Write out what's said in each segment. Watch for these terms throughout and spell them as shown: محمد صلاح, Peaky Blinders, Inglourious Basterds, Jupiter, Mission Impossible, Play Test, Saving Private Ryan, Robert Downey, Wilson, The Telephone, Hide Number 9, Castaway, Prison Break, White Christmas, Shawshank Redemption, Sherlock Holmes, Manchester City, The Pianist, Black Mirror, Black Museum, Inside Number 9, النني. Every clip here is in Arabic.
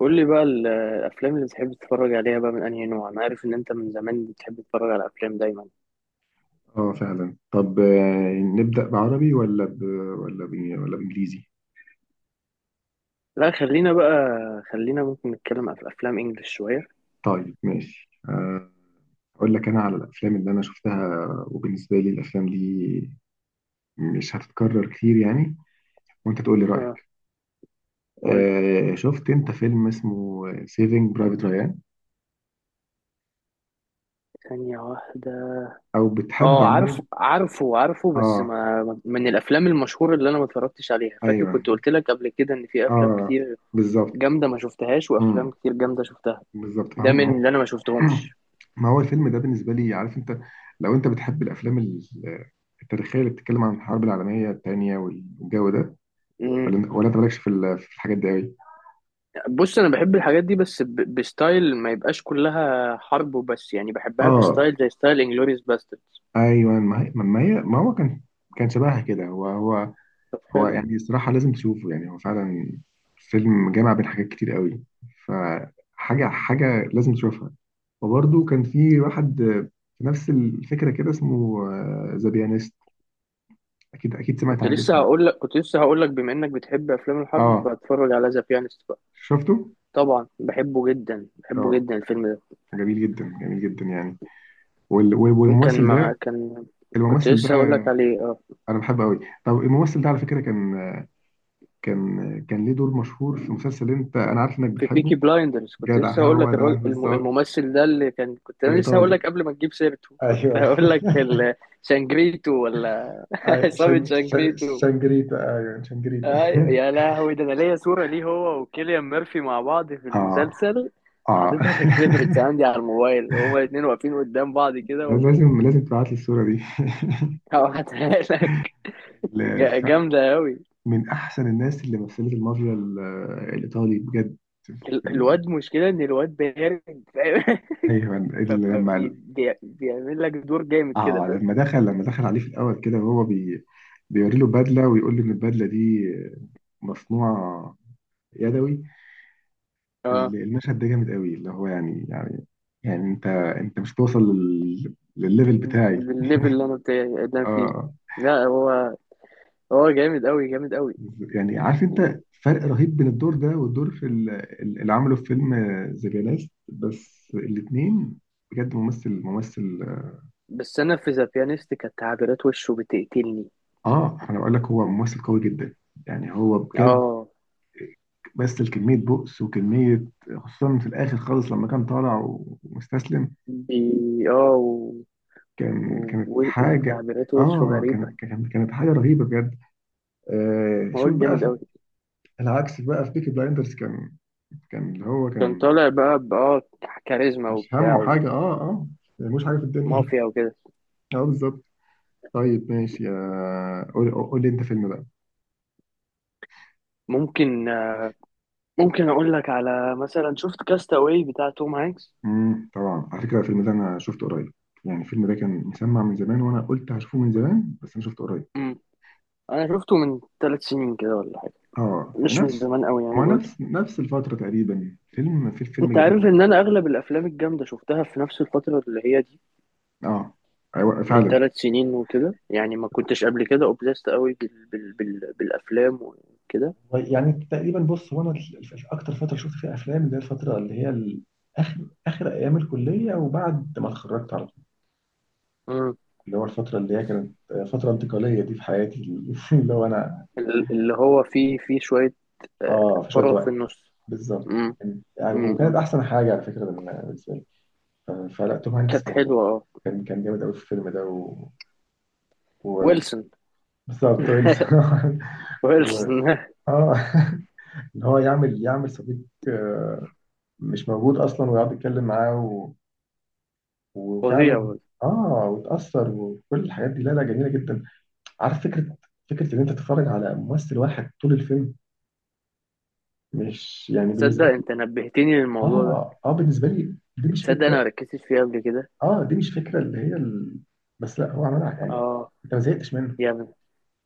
قول لي بقى الافلام اللي بتحب تتفرج عليها بقى من انهي نوع. انا عارف ان انت من زمان بتحب تتفرج على افلام دايما. اه فعلا. طب نبدأ بعربي ولا ب... ولا بإنجليزي. لا، خلينا بقى، ممكن نتكلم عن افلام انجلش شويه. طيب ماشي، أقول لك أنا على الأفلام اللي أنا شفتها. وبالنسبة لي الأفلام دي مش هتتكرر كتير يعني، وأنت تقول لي اه رأيك. قول لي. شفت أنت فيلم اسمه سيفينج برايفت ريان؟ ثانيه واحده. أو بتحب اه عموما؟ عارفه، بس آه. ما من الافلام المشهوره اللي انا ما اتفرجتش عليها. فاكر كنت أيوه. قلت لك قبل كده ان في افلام آه. كتير بالظبط. جامده ما شفتهاش، وافلام مم، كتير جامده شفتها. بالظبط. ده فهم هم. من اللي انا ما شفتهمش. ما هو الفيلم ده بالنسبة لي عارف انت، لو انت بتحب الافلام التاريخية اللي بتتكلم عن الحرب العالمية التانية والجو ده، ولا انت مالكش في في الحاجات دي قوي. بص، انا بحب الحاجات دي بس بستايل ما يبقاش كلها حرب وبس، يعني بحبها اه. بستايل زي ستايل انجلوريوس باسترد. ايوه، ما هي ما هو كان، كان شبهها كده هو. هو حلو. يعني الصراحة لازم تشوفه، يعني هو فعلا فيلم جامع بين حاجات كتير قوي. فحاجة لازم تشوفها. وبرده كان في واحد، في نفس الفكرة كده، اسمه ذا بيانيست. اكيد سمعت عن الاسم ده. كنت لسه هقول لك، بما انك بتحب افلام الحرب اه، فهتفرج على ذا بيانست بقى. شفته. طبعا، بحبه اه، جدا الفيلم ده. جميل جدا، جميل جدا يعني. وال- وال- كان والممثل ده، ما كان كنت الممثل ده لسه هقول لك عليه. اه انا بحبه قوي. طب الممثل ده على فكره كان، كان ليه دور مشهور في مسلسل انت انا عارف انك في بتحبه. بيكي بلايندرز. كنت لسه جدع، هقول هو لك ده الراجل بالظبط. الممثل ده، اللي كان كنت انا لسه هقول الايطالي، لك قبل ما تجيب سيرته كنت ايوه. هقول لك شانجريتو، ولا أي- عصابة شن- ش- شانجريتو. شنجريتا ايوه شنجريتا. أيوة، يا لهوي، ده انا ليا صورة ليه هو وكيليان ميرفي مع بعض في اه، المسلسل، اه. حاططها في الفيفوريتس عندي على الموبايل، هما الاتنين واقفين قدام بعض كده و لازم تبعت لي الصوره دي. هبعتها لك. ال- ف- جامدة أوي. من احسن الناس اللي مثلت المافيا الايطالي بجد. في ال... الواد، مشكلة إن الواد بارد، فاهم؟ ايوه، لما، فبيعمل لك دور جامد كده، اه فاهم؟ لما دخل، لما دخل عليه في الاول كده وهو بي، بيوري له بدله ويقول له ان البدله دي مصنوعه يدوي. اه، المشهد ده جامد قوي، اللي هو يعني، يعني، يعني انت، انت مش توصل لل... للليفل بتاعي. بالليفل اللي أنا بتاعي اللي أنا فيه. اه. لا هو، جامد أوي. يعني عارف و- انت فرق رهيب بين الدور ده والدور في اللي عمله في فيلم ذا بيانست، بس الاثنين بجد ممثل ممثل. بس أنا في ذا بيانيست كانت تعبيرات وشه بتقتلني. اه انا بقول لك هو ممثل قوي جدا، يعني هو بجد. اه بس الكمية بؤس وكمية، خصوصا في الآخر خالص لما كان طالع ومستسلم. بي. اه و... و... كانت حاجة، وتعبيرات وشه آه غريبة. كانت، كانت حاجة رهيبة بجد. آه، هو شوف بقى جامد في أوي. العكس بقى، في بيكي بلايندرز كان، اللي هو كان كان، طالع بقى، كاريزما مش وبتاع همه حاجة. آه، مش حاجة في الدنيا. ومافيا وكده. آه بالظبط. طيب ماشي، يا قول قول لي أنت فيلم بقى. ممكن، آه، ممكن أقول لك على، مثلا، شفت كاستاوي بتاع توم هانكس. طبعا على فكرة الفيلم ده أنا شفته قريب. يعني الفيلم ده كان مسمع من زمان وأنا قلت هشوفه من زمان، بس أنا شفته قريب. مم. أنا شفته من ثلاث سنين كده ولا حاجة، اه. مش من نفس، زمان أوي يعني ما برضه. نفس نفس الفترة تقريبا. فيلم، في الفيلم أنت جميل عارف جدا. إن أنا أغلب الأفلام الجامدة شفتها في نفس الفترة اللي هي دي، اه. ايوه من فعلا. ثلاث سنين وكده يعني. ما كنتش قبل كده أوبليست أوي بالأفلام وكده. والله يعني تقريبا، بص هو انا اكتر فتره شفت فيها افلام، اللي هي الفتره اللي هي اخر، اخر ايام الكليه وبعد ما اتخرجت على طول. اللي هو الفتره اللي هي كانت فتره انتقاليه دي في حياتي. اللي هو انا، اللي هو فيه، شوية، آه، اه في شويه فراغ في وقت. النص. بالظبط، مم. كان- يعني، مم. وكانت مم. احسن حاجه على فكره بالنسبه لي. ف- فلا توم هانكس كانت كان، حلوة، اه، كان جامد قوي في الفيلم ده و... و... ويلسون. بالظبط، ويلز. ويلسون. اه. ان هو يعمل، يعمل صديق، آه، مش موجود اصلا، ويقعد يتكلم معاه و... وفعلا، فظيع برضه. اه. وتاثر وكل الحاجات دي، لا لا جميله جدا. عارف فكره، فكره ان انت تتفرج على ممثل واحد طول الفيلم، مش يعني تصدق بالنسبه لي. انت نبهتني للموضوع ده؟ اه بالنسبه لي دي مش تصدق انا فكره. ما ركزتش فيه قبل كده؟ اه دي مش فكره اللي هي ال... بس لا هو عملها يعني. اه، انت ما زهقتش منه. جامد،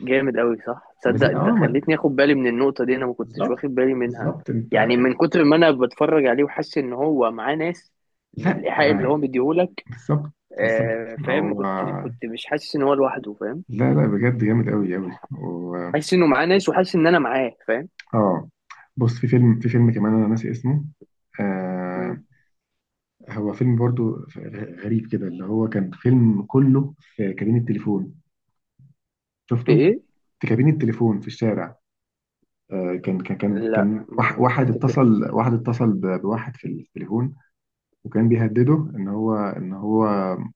جامد قوي، صح. ما تصدق زهق، اه انت ما... خليتني اخد بالي من النقطة دي؟ انا ما كنتش بالظبط. واخد بالي منها. بالظبط انت. يعني من كتر ما انا بتفرج عليه وحاسس ان هو معاه ناس، من لا، الايحاء اللي هو آه، مديهولك. بالظبط. بالظبط آه، فاهم، ما هو، كنت كنت مش حاسس ان هو لوحده، فاهم؟ لا لا بجد جامد قوي قوي و... حاسس انه معاه ناس، وحاسس ان انا معاه، فاهم؟ اه بص، في فيلم، في فيلم كمان انا ناسي اسمه. مم. آه، هو فيلم برضو غريب كده، اللي هو كان فيلم كله في كابين التليفون، في شفته؟ ايه؟ في كابين التليفون في الشارع. آه، كان كان كان لا، كان ما واحد افتكرش. اتصل، واحد اتصل بواحد في التليفون، وكان بيهدده ان هو، ان هو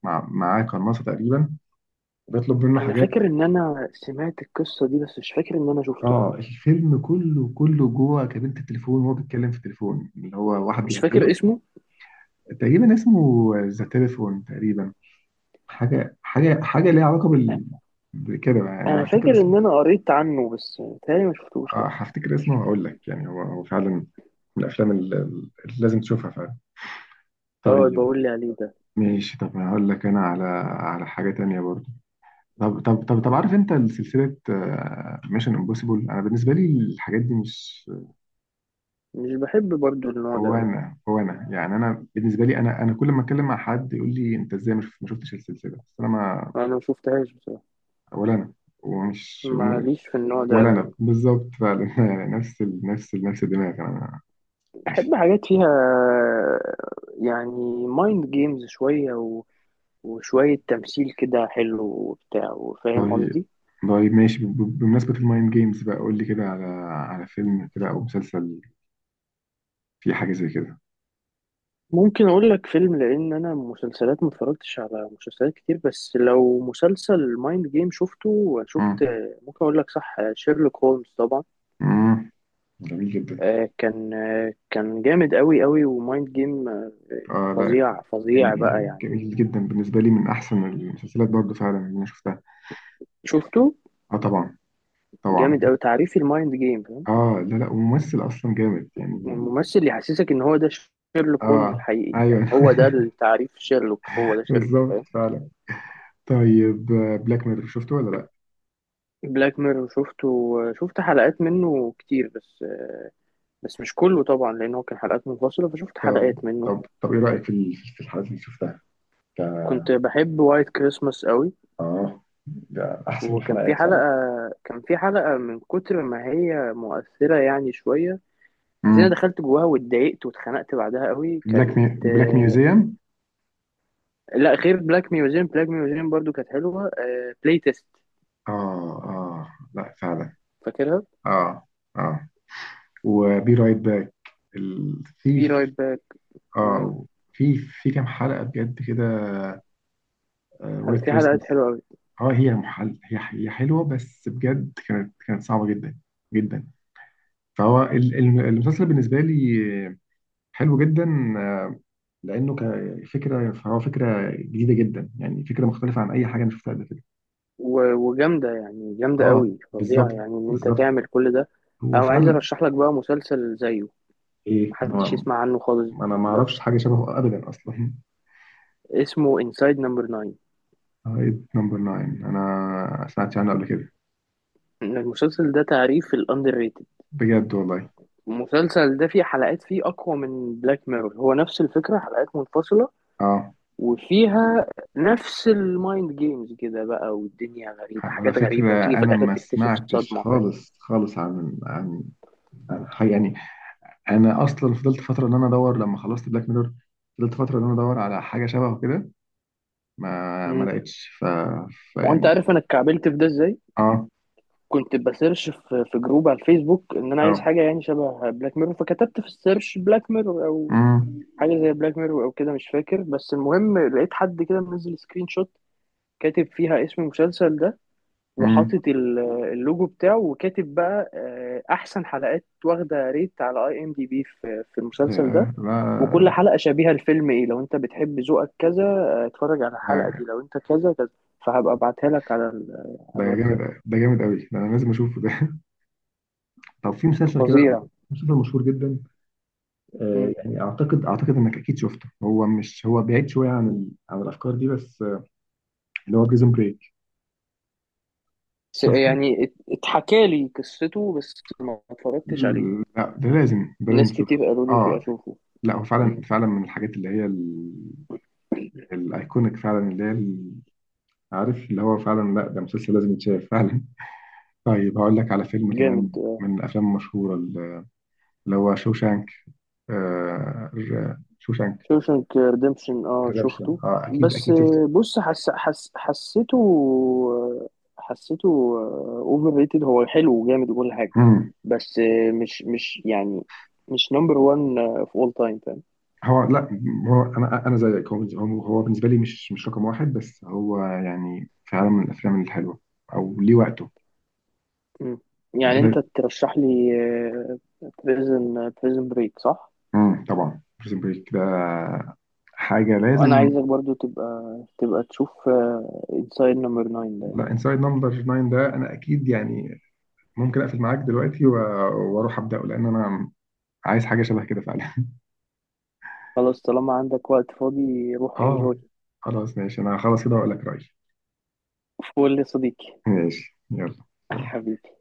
معاه قناصة تقريبا، وبيطلب منه انا حاجات. فاكر ان انا سمعت القصه دي، بس مش فاكر ان انا شفته. اه، الفيلم كله، كله جوه كابينة التليفون، وهو بيتكلم في التليفون اللي هو واحد مش فاكر بيهدده. اسمه. تقريبا اسمه ذا تليفون تقريبا. حاجه ليها علاقه بال، بكده بقى. يعني انا انا فاكر هفتكر اسمه. ان انا قريت عنه بس تهيألي ما شفتوش، لا. اه هفتكر اسمه وهقول لك، يعني هو هو فعلا من الافلام اللي لازم تشوفها فعلا. اه، طيب بقول لي عليه ده. ماشي، طب هقول لك انا على، على حاجه تانية برضه. طب مم. عارف انت سلسله ميشن امبوسيبل؟ انا بالنسبه لي الحاجات دي مش، مش بحب برضو النوع ده هو قوي. انا هو انا يعني انا بالنسبه لي، انا كل ما اتكلم مع حد يقول لي انت ازاي ما شفتش السلسله. بس انا ما، انا ما شفتهاش بصراحه، ولا انا، ومش، ماليش في النوع ده ولا قوي انا يعني. بالظبط فعلا. يعني نفس ال... نفس ال... نفس الدماغ انا، بحب مش. حاجات فيها، يعني، مايند جيمز شويه وشويه تمثيل كده حلو وبتاع، وفاهم طيب، قصدي. طيب ماشي، بمناسبة المايند جيمز بقى قول لي كده على، على فيلم كده او مسلسل فيه حاجة زي كده. ممكن اقول لك فيلم، لان انا مسلسلات ما اتفرجتش على مسلسلات كتير، بس لو مسلسل مايند جيم شفت. مم. ممكن اقول لك، صح، شيرلوك هولمز طبعا. مم. جميل جدا. آه، كان جامد قوي قوي، ومايند جيم، آه، اه لا، فظيع، بقى جميل، يعني. جميل جدا بالنسبة لي، من احسن المسلسلات برضه فعلا اللي انا شفتها. شفته؟ اه طبعا، طبعا. جامد قوي، تعريفي المايند جيم، فاهم؟ اه لا لا، وممثل اصلا جامد يعني. الممثل اللي يحسسك ان هو ده شيرلوك هولمز اه الحقيقي، ايوه. يعني هو ده التعريف، شيرلوك، هو ده شيرلوك، بالظبط فاهم؟ فعلا. طيب، بلاك ميرور شفته ولا لا؟ بلاك ميرور شفته. آه، شفت حلقات منه كتير، بس آه، بس مش كله طبعا لان هو كان حلقات منفصله، فشفت طب، حلقات منه. طب ايه رأيك في في الحلقات اللي شفتها؟ ك- كنت بحب وايت كريسماس قوي. اه، ده احسن وكان في الحلقات حلقه، فعلا. من كتر ما هي مؤثره يعني شويه حسيت إن انا امم، دخلت جواها واتضايقت واتخنقت بعدها قوي بلاك كانت، مي... بلاك آه، ميوزيوم. لا، غير بلاك ميوزيوم، بلاك ميوزيوم برضو كانت حلوه. بلاي تيست، اه لا فعلا. فاكرها. اه. اه. وبي رايت باك بي رايت الثيف. باك. مم. اه، في، في كام حلقة بجد كده. وايت في حلقات كريسماس. حلوه قوي. اه White Christmas. آه، هي محل، هي حلوة، بس بجد كانت، كانت صعبة جدا جدا. فهو المسلسل بالنسبة لي حلو جدا، آه، لانه كفكره، فهو فكره جديده جدا، يعني فكره مختلفه عن اي حاجه انا شفتها قبل كده. وجامده يعني، جامده اه قوي، فظيعه بالظبط، يعني، ان انت بالظبط. تعمل كل ده. هو او عايز فعلا. ارشح لك بقى مسلسل زيه ايه محدش انا، يسمع عنه خالص انا ما بقى، اعرفش حاجه شبهه ابدا اصلا. اسمه انسايد نمبر 9. هايد نمبر 9 انا سمعت عنه قبل كده. المسلسل ده تعريف الاندر ريتد. بجد والله. المسلسل ده فيه حلقات فيه اقوى من بلاك ميرور، هو نفس الفكره، حلقات منفصله، اه وفيها نفس المايند جيمز كده بقى، والدنيا غريبه، على حاجات غريبه، فكرة وتيجي في أنا الاخر ما تكتشف سمعتش صدمه، فاهم؟ خالص خالص عن، عن حاجة يعني. أنا أصلا فضلت فترة إن أنا أدور لما خلصت بلاك ميرور، فضلت فترة إن أنا أدور على حاجة شبهه كده، ما مم. لقيتش ف... ما انت فيعني. عارف انا اتكعبلت في ده ازاي؟ آه كنت بسيرش في في جروب على الفيسبوك ان انا عايز آه حاجه يعني شبه بلاك ميرور، فكتبت في السيرش بلاك ميرور او امم حاجه زي بلاك ميرور او كده، مش فاكر، بس المهم لقيت حد كده منزل سكرين شوت كاتب فيها اسم المسلسل ده، امم وحاطط اللوجو بتاعه، وكاتب بقى، آه، احسن حلقات، واخده ريت على اي ام دي بي في في المسلسل ده، ياه، لا. وكل حلقه شبيهه لفيلم ايه، لو انت بتحب ذوقك كذا، آه، اتفرج على الحلقه دي، ده، لو انت كذا كذا. فهبقى ابعتها لك على على ده جامد الواتساب. ده جامد قوي، ده انا لازم اشوفه ده. طب في مسلسل كده، فظيع. مسلسل مشهور جدا، آه، مم. يعني اعتقد انك اكيد شفته. هو مش، هو بعيد شويه عن ال... عن الافكار دي، بس آه، اللي هو بريزون بريك. شفته؟ اتحكى لي قصته بس ما اتفرجتش عليه. لا ده لازم، ناس تشوفه. كتير قالوا لي شو اه اشوفه. لا هو فعلا، مم. فعلا من الحاجات اللي هي ال... الايكونيك فعلا، اللي هي ال... عارف اللي هو فعلا، لا ده مسلسل لازم يتشاف فعلا. طيب هقول لك على فيلم كمان جامد، آه. من الافلام المشهوره، اللي هو شوشانك. آه شوشانك شوشنك ريديمشن، اه ريدمشن. شفته. اه اكيد بس اكيد شفته. آه، بص، حس حس حسيته، آه، حسيته اوفر ريتد. هو حلو وجامد وكل حاجه مم. بس آه، مش مش يعني مش نمبر 1 في اول تايم، فاهم؟ هو لا، هو انا زيك، هو بالنسبه لي مش، مش رقم واحد، بس هو يعني فعلا من الافلام الحلوه او ليه وقته. مم. يعني لا. انت ترشح لي بريزن بريك، صح؟ مم. طبعا بريزن بريك ده حاجه وانا لازم. عايزك برضو تبقى تشوف انسايد نمبر 9 ده. لا انسايد نمبر 9 ده انا اكيد يعني ممكن اقفل معاك دلوقتي واروح ابداه، لان انا عايز حاجه شبه كده فعلا. خلاص، طالما عندك وقت فاضي روح اه، انجوي. خلاص ماشي، انا خلاص كده هقول لك رايي. فول يا صديقي. ماشي يلا. حبيبي.